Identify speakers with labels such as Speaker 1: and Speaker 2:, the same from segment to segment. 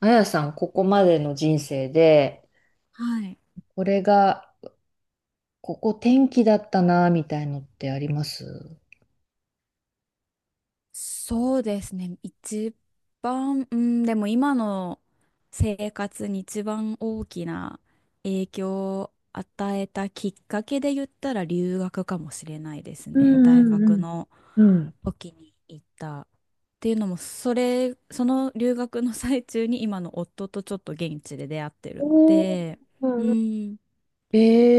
Speaker 1: あやさん、ここまでの人生で、
Speaker 2: はい。
Speaker 1: これが、ここ転機だったな、みたいのってあります？
Speaker 2: そうですね。一番、でも今の生活に一番大きな影響を与えたきっかけで言ったら留学かもしれないです
Speaker 1: う
Speaker 2: ね。大
Speaker 1: んう
Speaker 2: 学
Speaker 1: ん
Speaker 2: の
Speaker 1: うん。うん。
Speaker 2: 時に行った。っていうのも、その留学の最中に今の夫とちょっと現地で出会ってるの
Speaker 1: おー、
Speaker 2: で、うん、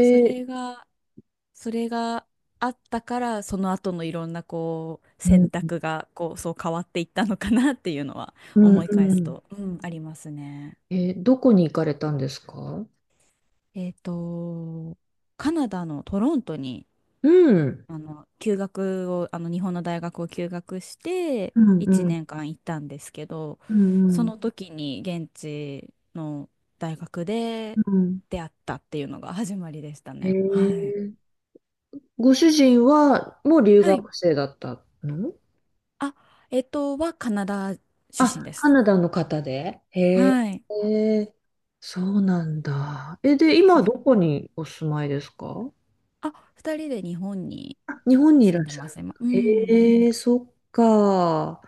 Speaker 2: そ
Speaker 1: ー、
Speaker 2: れが、それがあったから、その後のいろんなこう
Speaker 1: う
Speaker 2: 選
Speaker 1: ん。
Speaker 2: 択がこうそう変わっていったのかなっていうのは
Speaker 1: うん
Speaker 2: 思い返
Speaker 1: う
Speaker 2: す
Speaker 1: ん。
Speaker 2: と、うん、ありますね。
Speaker 1: えー、どこに行かれたんですか？
Speaker 2: えっと、カナダのトロントに、
Speaker 1: うん。
Speaker 2: あの、休学を、あの、日本の大学を休学して
Speaker 1: うん
Speaker 2: 1
Speaker 1: うん
Speaker 2: 年間行ったんですけど、
Speaker 1: うん
Speaker 2: そ
Speaker 1: うん。
Speaker 2: の時に現地の大学
Speaker 1: う
Speaker 2: で
Speaker 1: ん。
Speaker 2: 出会ったっていうのが始まりでした
Speaker 1: え
Speaker 2: ね。はい。
Speaker 1: ー、ご主人は、もう留
Speaker 2: はい。
Speaker 1: 学生だったの？
Speaker 2: あ、はカナダ
Speaker 1: あ、
Speaker 2: 出身で
Speaker 1: カ
Speaker 2: す。
Speaker 1: ナダの方で。へえ、
Speaker 2: はい。
Speaker 1: へえ、そうなんだ。え、で、
Speaker 2: そ
Speaker 1: 今ど
Speaker 2: う。
Speaker 1: こにお住まいですか？
Speaker 2: あ、二人で日本に
Speaker 1: あ、日本にいら
Speaker 2: 住
Speaker 1: っ
Speaker 2: んで
Speaker 1: しゃる
Speaker 2: ま
Speaker 1: ん
Speaker 2: す、今。
Speaker 1: だ。
Speaker 2: うん。
Speaker 1: へえ、そっか。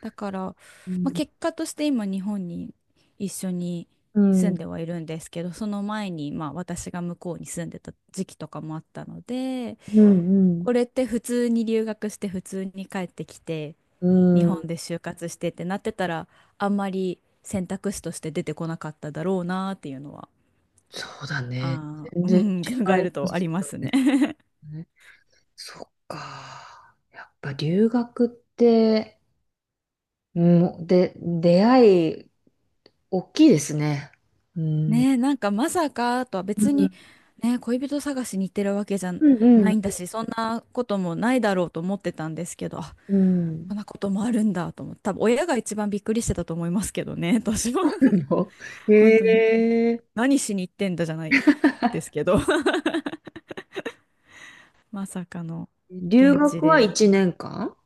Speaker 2: だから、
Speaker 1: う
Speaker 2: まあ、
Speaker 1: ん、
Speaker 2: 結果として今、日本に一緒に
Speaker 1: う
Speaker 2: 住ん
Speaker 1: ん、
Speaker 2: ではいるんですけど、その前に、まあ、私が向こうに住んでた時期とかもあったので、
Speaker 1: うん、
Speaker 2: これって普通に留学して、普通に帰ってきて、
Speaker 1: う
Speaker 2: 日
Speaker 1: ん。う
Speaker 2: 本で
Speaker 1: ん。
Speaker 2: 就活してってなってたら、あんまり選択肢として出てこなかっただろうなっていうのは、
Speaker 1: そうだね。全
Speaker 2: う
Speaker 1: 然違
Speaker 2: ん、考え
Speaker 1: い
Speaker 2: る
Speaker 1: ま
Speaker 2: とあ
Speaker 1: す
Speaker 2: りま
Speaker 1: よ
Speaker 2: すね。
Speaker 1: ね。そっか。やっぱ留学って、うん、で、出会い、大きいですね。うん。
Speaker 2: ねえ、なんかまさかとは
Speaker 1: う
Speaker 2: 別に、
Speaker 1: ん、
Speaker 2: ねえ、恋人探しに行ってるわけじゃ
Speaker 1: うん、う
Speaker 2: ないんだ
Speaker 1: ん。
Speaker 2: し、そんなこともないだろうと思ってたんですけど、あ、
Speaker 1: うん。
Speaker 2: こんなこともあるんだと思って、多分親が一番びっくりしてたと思いますけどね、私は。
Speaker 1: よ。
Speaker 2: 本
Speaker 1: え
Speaker 2: 当に。
Speaker 1: え、
Speaker 2: 何しに行ってんだじゃないですけど、まさかの
Speaker 1: 留
Speaker 2: 現地
Speaker 1: 学は
Speaker 2: で。
Speaker 1: 1年間？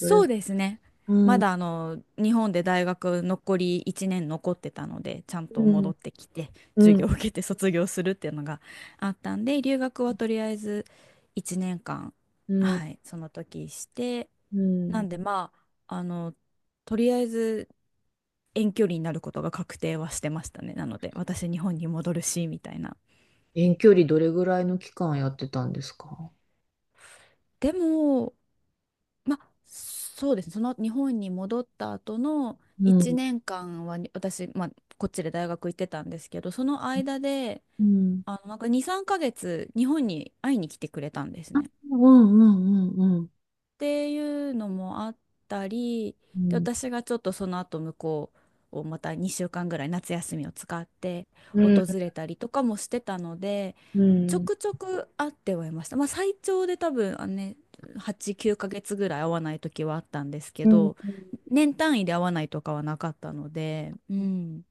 Speaker 1: どれ、
Speaker 2: うですね。
Speaker 1: う
Speaker 2: ま
Speaker 1: ん、
Speaker 2: だあの日本で大学残り1年残ってたのでちゃんと
Speaker 1: うん、
Speaker 2: 戻ってきて授
Speaker 1: う
Speaker 2: 業
Speaker 1: ん、
Speaker 2: を受けて卒業するっていうのがあったんで、留学はとりあえず1年間
Speaker 1: うん、
Speaker 2: はいその時して、
Speaker 1: う
Speaker 2: な
Speaker 1: ん。
Speaker 2: んで、ま、ああの、とりあえず遠距離になることが確定はしてましたね、なので私日本に戻るしみたいな。
Speaker 1: 遠距離どれぐらいの期間やってたんですか？
Speaker 2: でも、まあ、そうですね。その日本に戻った後の
Speaker 1: う
Speaker 2: 1
Speaker 1: ん、
Speaker 2: 年間はに私、まあ、こっちで大学行ってたんですけど、その間で、
Speaker 1: うん、
Speaker 2: あの、なんか2、3ヶ月日本に会いに来てくれたんですね。っ
Speaker 1: うん、うん、うん、うん、
Speaker 2: ていうのもあったり、
Speaker 1: う
Speaker 2: で、
Speaker 1: ん、
Speaker 2: 私がちょっとその後向こうをまた2週間ぐらい夏休みを使って訪れたりとかもしてたので、
Speaker 1: う
Speaker 2: ちょ
Speaker 1: ん、
Speaker 2: くちょく会ってはいました。まあ、最長で多分、8、9ヶ月ぐらい会わない時はあったんですけ
Speaker 1: うん。
Speaker 2: ど、年単位で会わないとかはなかったので、うん、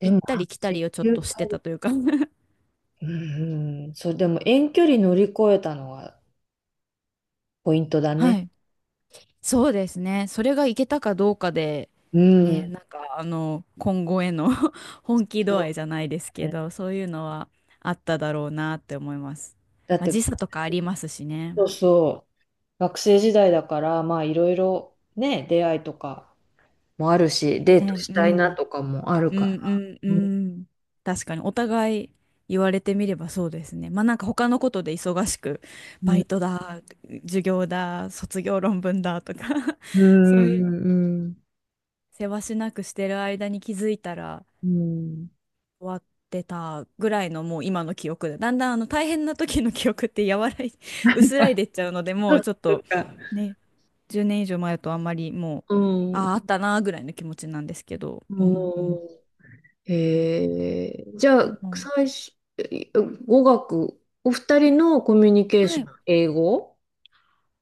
Speaker 1: で
Speaker 2: 行っ
Speaker 1: も、
Speaker 2: た
Speaker 1: あ、
Speaker 2: り来た
Speaker 1: 8、
Speaker 2: りをちょっ
Speaker 1: 9
Speaker 2: として
Speaker 1: ヶ
Speaker 2: た
Speaker 1: 月。
Speaker 2: というか。
Speaker 1: うん、うん、そう、でも遠距離乗り越えたのがポイントだ
Speaker 2: は
Speaker 1: ね。
Speaker 2: い、そうですね。それが行けたかどうかで、
Speaker 1: うん、
Speaker 2: ね、今後への 本気度
Speaker 1: そ
Speaker 2: 合いじゃないです
Speaker 1: う
Speaker 2: け
Speaker 1: ね。
Speaker 2: ど、そういうのはあっただろうなって思います。
Speaker 1: だっ
Speaker 2: まあ、
Speaker 1: て、
Speaker 2: 時差とかありますしね。
Speaker 1: そうそう。学生時代だからまあいろいろね、出会いとかもあるし、デート
Speaker 2: ね、
Speaker 1: し
Speaker 2: う
Speaker 1: たいな
Speaker 2: ん。
Speaker 1: とかもある
Speaker 2: う
Speaker 1: か
Speaker 2: ん。
Speaker 1: ら。
Speaker 2: うん。う
Speaker 1: うん
Speaker 2: ん。確かにお互い言われてみればそうですね。まあ、なんか他のことで忙しく、
Speaker 1: う
Speaker 2: バ
Speaker 1: ん
Speaker 2: イトだ、授業だ、卒業論文だとか
Speaker 1: う
Speaker 2: そういう
Speaker 1: ん
Speaker 2: せわしなくしてる間に気づいたら
Speaker 1: うん、
Speaker 2: 終わってたぐらいのもう今の記憶で、だんだんあの大変な時の記憶って柔らい、薄らいでっちゃうので、も
Speaker 1: そ
Speaker 2: うちょっ
Speaker 1: っ
Speaker 2: と
Speaker 1: か。
Speaker 2: ね、10年以上前だとあんまりもう、
Speaker 1: うんう
Speaker 2: ああ、あったなーぐらいの気持ちなんですけど。
Speaker 1: ん。
Speaker 2: うん、うん。
Speaker 1: えー、じゃ
Speaker 2: で
Speaker 1: あ
Speaker 2: も、
Speaker 1: 最初、え、語学、お二人のコミュニケー
Speaker 2: は
Speaker 1: ショ
Speaker 2: い、
Speaker 1: ン英語？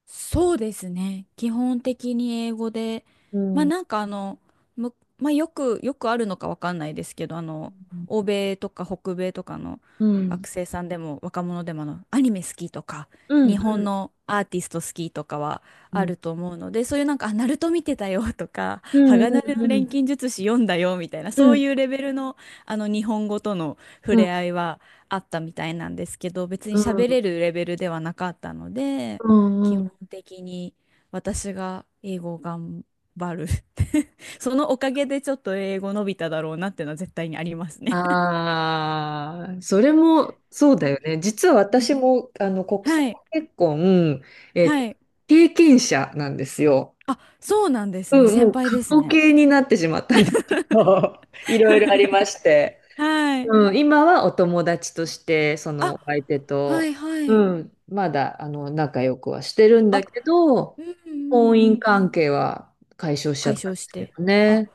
Speaker 2: そうですね。基本的に英語で、
Speaker 1: う
Speaker 2: まあ
Speaker 1: ん
Speaker 2: なんかあの、よくあるのかわかんないですけど、あの、欧米とか北米とかの
Speaker 1: うん
Speaker 2: 学生さんでも若者でも、あの、アニメ好きとか、
Speaker 1: う
Speaker 2: 日
Speaker 1: んう
Speaker 2: 本
Speaker 1: ん
Speaker 2: のアーティスト好きとかは
Speaker 1: う
Speaker 2: あ
Speaker 1: ん
Speaker 2: ると思うので、そういうなんか、あ、ナルト見てたよとか、
Speaker 1: うん
Speaker 2: 鋼の
Speaker 1: うん
Speaker 2: 錬金術師読んだよみたいな、
Speaker 1: う
Speaker 2: そうい
Speaker 1: ん
Speaker 2: うレベルの、あの、日本語との触
Speaker 1: うん
Speaker 2: れ合いはあったみたいなんですけど、別に
Speaker 1: うん
Speaker 2: 喋れるレベルではなかったので、
Speaker 1: う
Speaker 2: 基
Speaker 1: んう
Speaker 2: 本
Speaker 1: ん。
Speaker 2: 的に私が英語を頑張る。 そのおかげでちょっと英語伸びただろうなっていうのは絶対にありますね。
Speaker 1: ああ、それもそうだよね。実は
Speaker 2: ね。
Speaker 1: 私もあの国
Speaker 2: は
Speaker 1: 際
Speaker 2: い。
Speaker 1: 結婚、えっ
Speaker 2: は
Speaker 1: と、
Speaker 2: い。
Speaker 1: 経験者なんですよ。
Speaker 2: あ、そうなんですね。
Speaker 1: うん、も
Speaker 2: 先
Speaker 1: う
Speaker 2: 輩
Speaker 1: 過
Speaker 2: です
Speaker 1: 去
Speaker 2: ね。
Speaker 1: 形になってしまったんですけど、いろいろありま して。
Speaker 2: はい。
Speaker 1: うん、今はお友達として、その
Speaker 2: あ、
Speaker 1: お相手
Speaker 2: は
Speaker 1: と、
Speaker 2: いは
Speaker 1: う
Speaker 2: い。
Speaker 1: ん、まだあの仲良くはしてるんだ
Speaker 2: あ、
Speaker 1: けど、
Speaker 2: うんう
Speaker 1: 婚
Speaker 2: んう
Speaker 1: 姻
Speaker 2: ん。
Speaker 1: 関係は解消しちゃ
Speaker 2: 解
Speaker 1: ったん
Speaker 2: 消
Speaker 1: で
Speaker 2: し
Speaker 1: すけ
Speaker 2: て。
Speaker 1: ど
Speaker 2: あ、
Speaker 1: ね。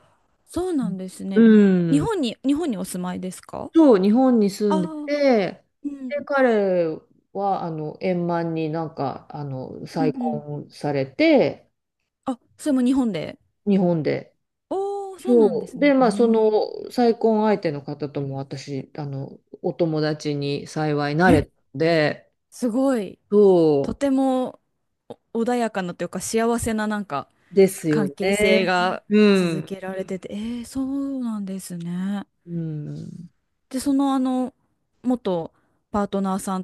Speaker 2: そうなんです
Speaker 1: う
Speaker 2: ね。日
Speaker 1: ん。
Speaker 2: 本に、日本にお住まいですか？
Speaker 1: そう、日本に住
Speaker 2: あ
Speaker 1: んで
Speaker 2: あ、
Speaker 1: て、で、彼は、円満になんか、
Speaker 2: うんう
Speaker 1: 再
Speaker 2: ん。うん、
Speaker 1: 婚されて、
Speaker 2: あ、それも日本で。
Speaker 1: 日本で。
Speaker 2: おー、そうなんで
Speaker 1: そう。
Speaker 2: すね。
Speaker 1: で、
Speaker 2: う
Speaker 1: まあ、そ
Speaker 2: ん。
Speaker 1: の、再婚相手の方とも私、お友達に幸いな
Speaker 2: え、
Speaker 1: れたので、
Speaker 2: すごい、と
Speaker 1: そ
Speaker 2: てもお穏やかなというか幸せななんか
Speaker 1: うですよ
Speaker 2: 関係
Speaker 1: ね。
Speaker 2: 性が
Speaker 1: う
Speaker 2: 続
Speaker 1: ん。
Speaker 2: けられてて、えー、そうなんですね。
Speaker 1: うん。
Speaker 2: で、そのあの、元パートナーさん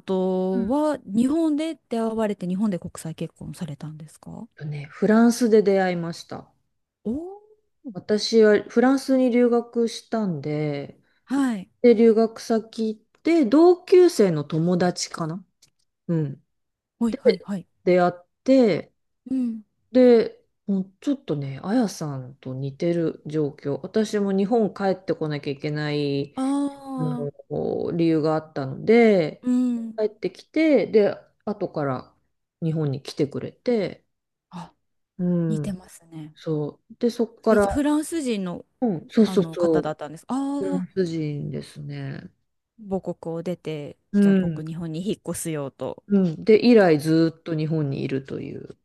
Speaker 1: う
Speaker 2: と
Speaker 1: ん
Speaker 2: は日本で出会われて日本で国際結婚されたんですか？
Speaker 1: とね、フランスで出会いました。
Speaker 2: おー。
Speaker 1: 私はフランスに留学したんで、
Speaker 2: はい。
Speaker 1: で、留学先行って、同級生の友達かな。うん。
Speaker 2: はいはいはい。
Speaker 1: 出会って、
Speaker 2: うん。
Speaker 1: で、もうちょっとね、あやさんと似てる状況。私も日本帰ってこなきゃいけない、
Speaker 2: あ
Speaker 1: あ
Speaker 2: あ、
Speaker 1: の、理由があったので、
Speaker 2: うん。
Speaker 1: 帰ってきて、で、後から日本に来てくれて、
Speaker 2: あ、
Speaker 1: う
Speaker 2: 似て
Speaker 1: ん、
Speaker 2: ますね。
Speaker 1: そう。で、そこか
Speaker 2: え、
Speaker 1: ら、
Speaker 2: じゃあフランス人の、
Speaker 1: うん、そう
Speaker 2: あ
Speaker 1: そう
Speaker 2: の
Speaker 1: そ
Speaker 2: 方だ
Speaker 1: う、
Speaker 2: ったんです。あ
Speaker 1: フラ
Speaker 2: あ、
Speaker 1: ンス人ですね。
Speaker 2: 母国を出て、
Speaker 1: う
Speaker 2: じゃあ
Speaker 1: ん、
Speaker 2: 僕日本に引っ越すよと。
Speaker 1: うん。で、以来ずっと日本にいるという。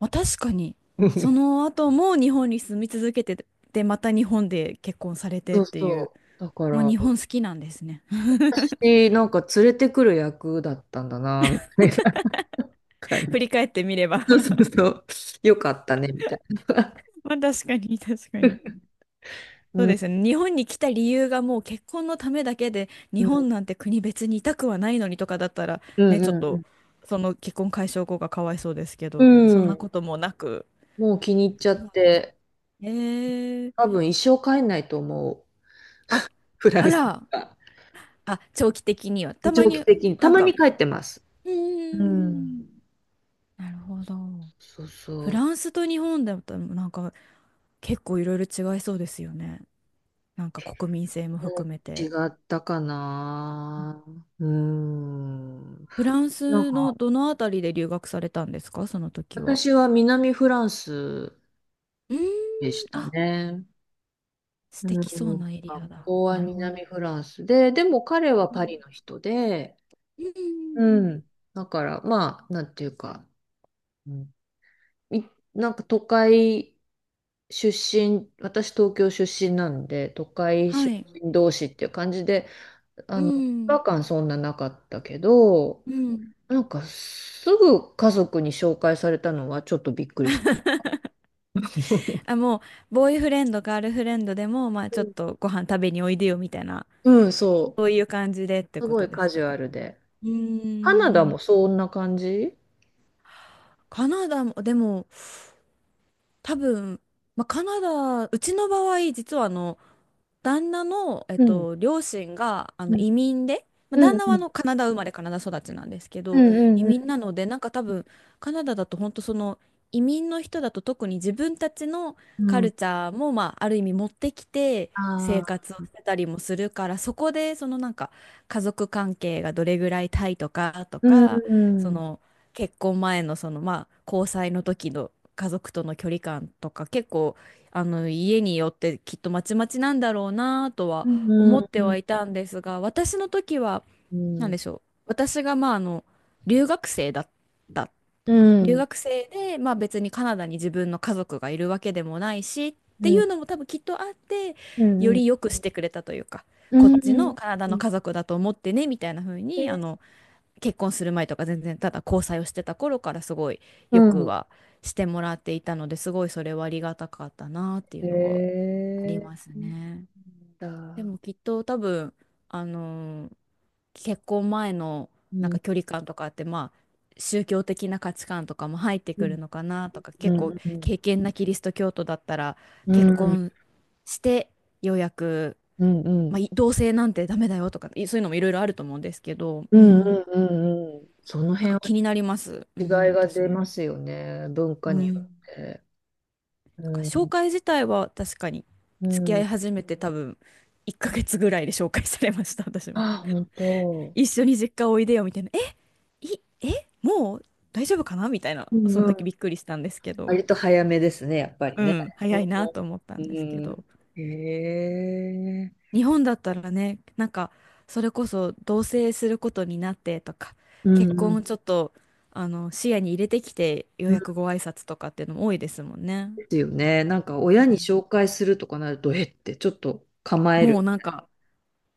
Speaker 2: まあ確かに、そ の後も日本に住み続けて、で、また日本で結婚されて
Speaker 1: そ
Speaker 2: っ
Speaker 1: う
Speaker 2: ていう、
Speaker 1: そう。だか
Speaker 2: もう
Speaker 1: ら、
Speaker 2: 日本好きなんですね。
Speaker 1: 私、なんか連れてくる役だったんだな、みたいな感
Speaker 2: 振
Speaker 1: じ。
Speaker 2: り返ってみれば。
Speaker 1: そうそうそう。よかったね、みたい
Speaker 2: まあ確かに、確かに。
Speaker 1: な。
Speaker 2: そう
Speaker 1: うん、
Speaker 2: ですね。日本に来た理由がもう結婚のためだけで、
Speaker 1: う
Speaker 2: 日
Speaker 1: ん、
Speaker 2: 本なんて国別にいたくはないのにとかだったら、
Speaker 1: う
Speaker 2: ね、ちょっと、
Speaker 1: ん、
Speaker 2: その結婚解消後がかわいそうですけ
Speaker 1: う
Speaker 2: ど、そ
Speaker 1: ん。
Speaker 2: ん
Speaker 1: う
Speaker 2: な
Speaker 1: ん、
Speaker 2: こともなく。
Speaker 1: もう気に入っちゃって、
Speaker 2: え
Speaker 1: 多
Speaker 2: ー、
Speaker 1: 分一生帰んないと思う。
Speaker 2: あ、
Speaker 1: フラ
Speaker 2: あ
Speaker 1: ンス
Speaker 2: ら。
Speaker 1: が。
Speaker 2: あ、長期的には。たま
Speaker 1: 長期
Speaker 2: に、
Speaker 1: 的に。た
Speaker 2: なん
Speaker 1: まに
Speaker 2: か、
Speaker 1: 帰ってます。
Speaker 2: うー
Speaker 1: うん。
Speaker 2: ん、なるほど。
Speaker 1: そう
Speaker 2: フ
Speaker 1: そう。
Speaker 2: ランスと日本だと、なんか、結構いろいろ違いそうですよね。なんか国民性も
Speaker 1: う
Speaker 2: 含
Speaker 1: ん、
Speaker 2: め
Speaker 1: 違
Speaker 2: て。
Speaker 1: ったかな。うん。
Speaker 2: フラン
Speaker 1: なん
Speaker 2: スの
Speaker 1: か、
Speaker 2: どのあたりで留学されたんですか、その時は。
Speaker 1: 私は南フランス
Speaker 2: うーん、
Speaker 1: でした
Speaker 2: あ、
Speaker 1: ね。
Speaker 2: 素
Speaker 1: うん、
Speaker 2: 敵そうなエリ
Speaker 1: 学
Speaker 2: アだ。
Speaker 1: 校は
Speaker 2: なるほど。
Speaker 1: 南フランスで、でも彼は
Speaker 2: う
Speaker 1: パリ
Speaker 2: ん
Speaker 1: の人で、
Speaker 2: うんうん。うん。
Speaker 1: うん。だからまあ、なんていうか、うん、い、なんか都会出身、私東京出身なんで、都会
Speaker 2: は
Speaker 1: 出
Speaker 2: い。
Speaker 1: 身同士っていう感じで、
Speaker 2: う
Speaker 1: 違
Speaker 2: ん。
Speaker 1: 和感そんななかったけど、
Speaker 2: うん。
Speaker 1: なんかすぐ家族に紹介されたのはちょっとびっくりした。
Speaker 2: あ、もう、ボーイフレンド、ガールフレンドでも、まあ、ちょっ
Speaker 1: う
Speaker 2: とご飯食べにおいでよみたいな。
Speaker 1: ん、そ
Speaker 2: そういう感じでって
Speaker 1: う。す
Speaker 2: こ
Speaker 1: ご
Speaker 2: と
Speaker 1: い
Speaker 2: で
Speaker 1: カ
Speaker 2: す
Speaker 1: ジ
Speaker 2: かね。
Speaker 1: ュアルで。
Speaker 2: う
Speaker 1: カナダ
Speaker 2: ー
Speaker 1: も
Speaker 2: ん。
Speaker 1: そんな感じ？
Speaker 2: カナダも、でも、多分、まあ、カナダ、うちの場合、実はあの、旦那の、
Speaker 1: うん。
Speaker 2: 両親があの
Speaker 1: うん
Speaker 2: 移民で、まあ、
Speaker 1: う
Speaker 2: 旦
Speaker 1: ん
Speaker 2: 那は
Speaker 1: う
Speaker 2: あ
Speaker 1: ん。
Speaker 2: のカナダ生まれカナダ育ちなんですけ
Speaker 1: う
Speaker 2: ど、移
Speaker 1: んうん
Speaker 2: 民なのでなんか多分カナダだと本当その移民の人だと特に自分たちの
Speaker 1: う
Speaker 2: カ
Speaker 1: ん。
Speaker 2: ルチャーも、まあ、ある意味持ってきて
Speaker 1: あ
Speaker 2: 生
Speaker 1: あ。
Speaker 2: 活をしてたりもするから、そこでそのなんか家族関係がどれぐらいタイとかと
Speaker 1: う
Speaker 2: か、そ
Speaker 1: ん。
Speaker 2: の結婚前のそのまあ交際の時の家族との距離感とか結構あの家によってきっとまちまちなんだろうなと
Speaker 1: う
Speaker 2: は
Speaker 1: んう
Speaker 2: 思
Speaker 1: ん
Speaker 2: って
Speaker 1: うん。
Speaker 2: はいたんですが、私の時は
Speaker 1: う
Speaker 2: 何
Speaker 1: ん
Speaker 2: でしょう、私がまああの留学生だった
Speaker 1: う
Speaker 2: 留
Speaker 1: ん
Speaker 2: 学生で、まあ、別にカナダに自分の家族がいるわけでもないしっ
Speaker 1: う
Speaker 2: てい
Speaker 1: ん
Speaker 2: うのも多分きっとあって、
Speaker 1: う
Speaker 2: よ
Speaker 1: ん
Speaker 2: り良くしてくれたというか、
Speaker 1: う
Speaker 2: こ
Speaker 1: ん
Speaker 2: っ
Speaker 1: う
Speaker 2: ち
Speaker 1: ん
Speaker 2: のカナダ
Speaker 1: うんう
Speaker 2: の
Speaker 1: ん、
Speaker 2: 家族だと思ってねみたいな風
Speaker 1: へ
Speaker 2: に、あ
Speaker 1: え、
Speaker 2: の、結婚する前とか全然ただ交際をしてた頃からすごい
Speaker 1: う
Speaker 2: よく
Speaker 1: ん
Speaker 2: はしてもらっていたので、すごいそれはありがたかったなってい
Speaker 1: う
Speaker 2: うのはあります
Speaker 1: ん。
Speaker 2: ね。で
Speaker 1: だ、
Speaker 2: もきっと多分、あのー、結婚前の
Speaker 1: う
Speaker 2: なん
Speaker 1: ん
Speaker 2: か距離感とかって、まあ、宗教的な価値観とかも入って
Speaker 1: う
Speaker 2: く
Speaker 1: ん
Speaker 2: るのかなとか、
Speaker 1: う
Speaker 2: 結構、
Speaker 1: んうん
Speaker 2: 敬虔なキリスト教徒だったら、
Speaker 1: う
Speaker 2: 結
Speaker 1: ん
Speaker 2: 婚してようやく、
Speaker 1: うんう
Speaker 2: ま
Speaker 1: ん
Speaker 2: あ、い、同性なんてダメだよとか、い、そういうのもいろいろあると思うんですけど、
Speaker 1: う
Speaker 2: う
Speaker 1: ん
Speaker 2: ん、
Speaker 1: うん、その
Speaker 2: なん
Speaker 1: 辺
Speaker 2: か
Speaker 1: は
Speaker 2: 気になります。う
Speaker 1: 違い
Speaker 2: ん、
Speaker 1: が
Speaker 2: 私
Speaker 1: 出
Speaker 2: も。
Speaker 1: ますよね、文化
Speaker 2: う
Speaker 1: によっ
Speaker 2: ん。
Speaker 1: て。
Speaker 2: なんか
Speaker 1: う
Speaker 2: 紹
Speaker 1: ん
Speaker 2: 介自体は確かに、
Speaker 1: う
Speaker 2: 付き合い
Speaker 1: ん。
Speaker 2: 始めて多分、1ヶ月ぐらいで紹介されました、私も。
Speaker 1: あ、本当？
Speaker 2: 一緒に実家おいでよみたいな。え、い、え、もう大丈夫かなみたいな。
Speaker 1: う
Speaker 2: その時
Speaker 1: ん、
Speaker 2: びっくりしたんですけど。
Speaker 1: 割と早めですね、やっぱり
Speaker 2: う
Speaker 1: ね。
Speaker 2: ん、
Speaker 1: う
Speaker 2: 早いなと
Speaker 1: ん。
Speaker 2: 思った
Speaker 1: う
Speaker 2: んですけ
Speaker 1: ん、
Speaker 2: ど。
Speaker 1: へえ。
Speaker 2: 日本だったらね、なんか、それこそ同棲することになってとか、
Speaker 1: うん
Speaker 2: 結
Speaker 1: う
Speaker 2: 婚
Speaker 1: ん。
Speaker 2: をちょっと、あの、視野に入れてきて、よう
Speaker 1: うん、
Speaker 2: やくご挨拶とかっていうのも多いですもんね。
Speaker 1: ですよね。なんか親に紹介するとかなると、えってちょっと構え
Speaker 2: もう
Speaker 1: る。
Speaker 2: なんか、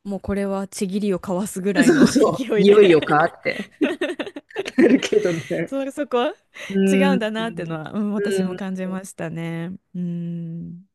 Speaker 2: もうこれはちぎりを交わすぐ らい
Speaker 1: そ
Speaker 2: の
Speaker 1: う そ
Speaker 2: 勢
Speaker 1: う。
Speaker 2: い
Speaker 1: い
Speaker 2: で。
Speaker 1: よいよかって。 なるけど ね。
Speaker 2: そこは
Speaker 1: う
Speaker 2: 違う
Speaker 1: ん。
Speaker 2: んだなっていうのは、うん、
Speaker 1: う
Speaker 2: 私も
Speaker 1: ん
Speaker 2: 感じましたね。うん。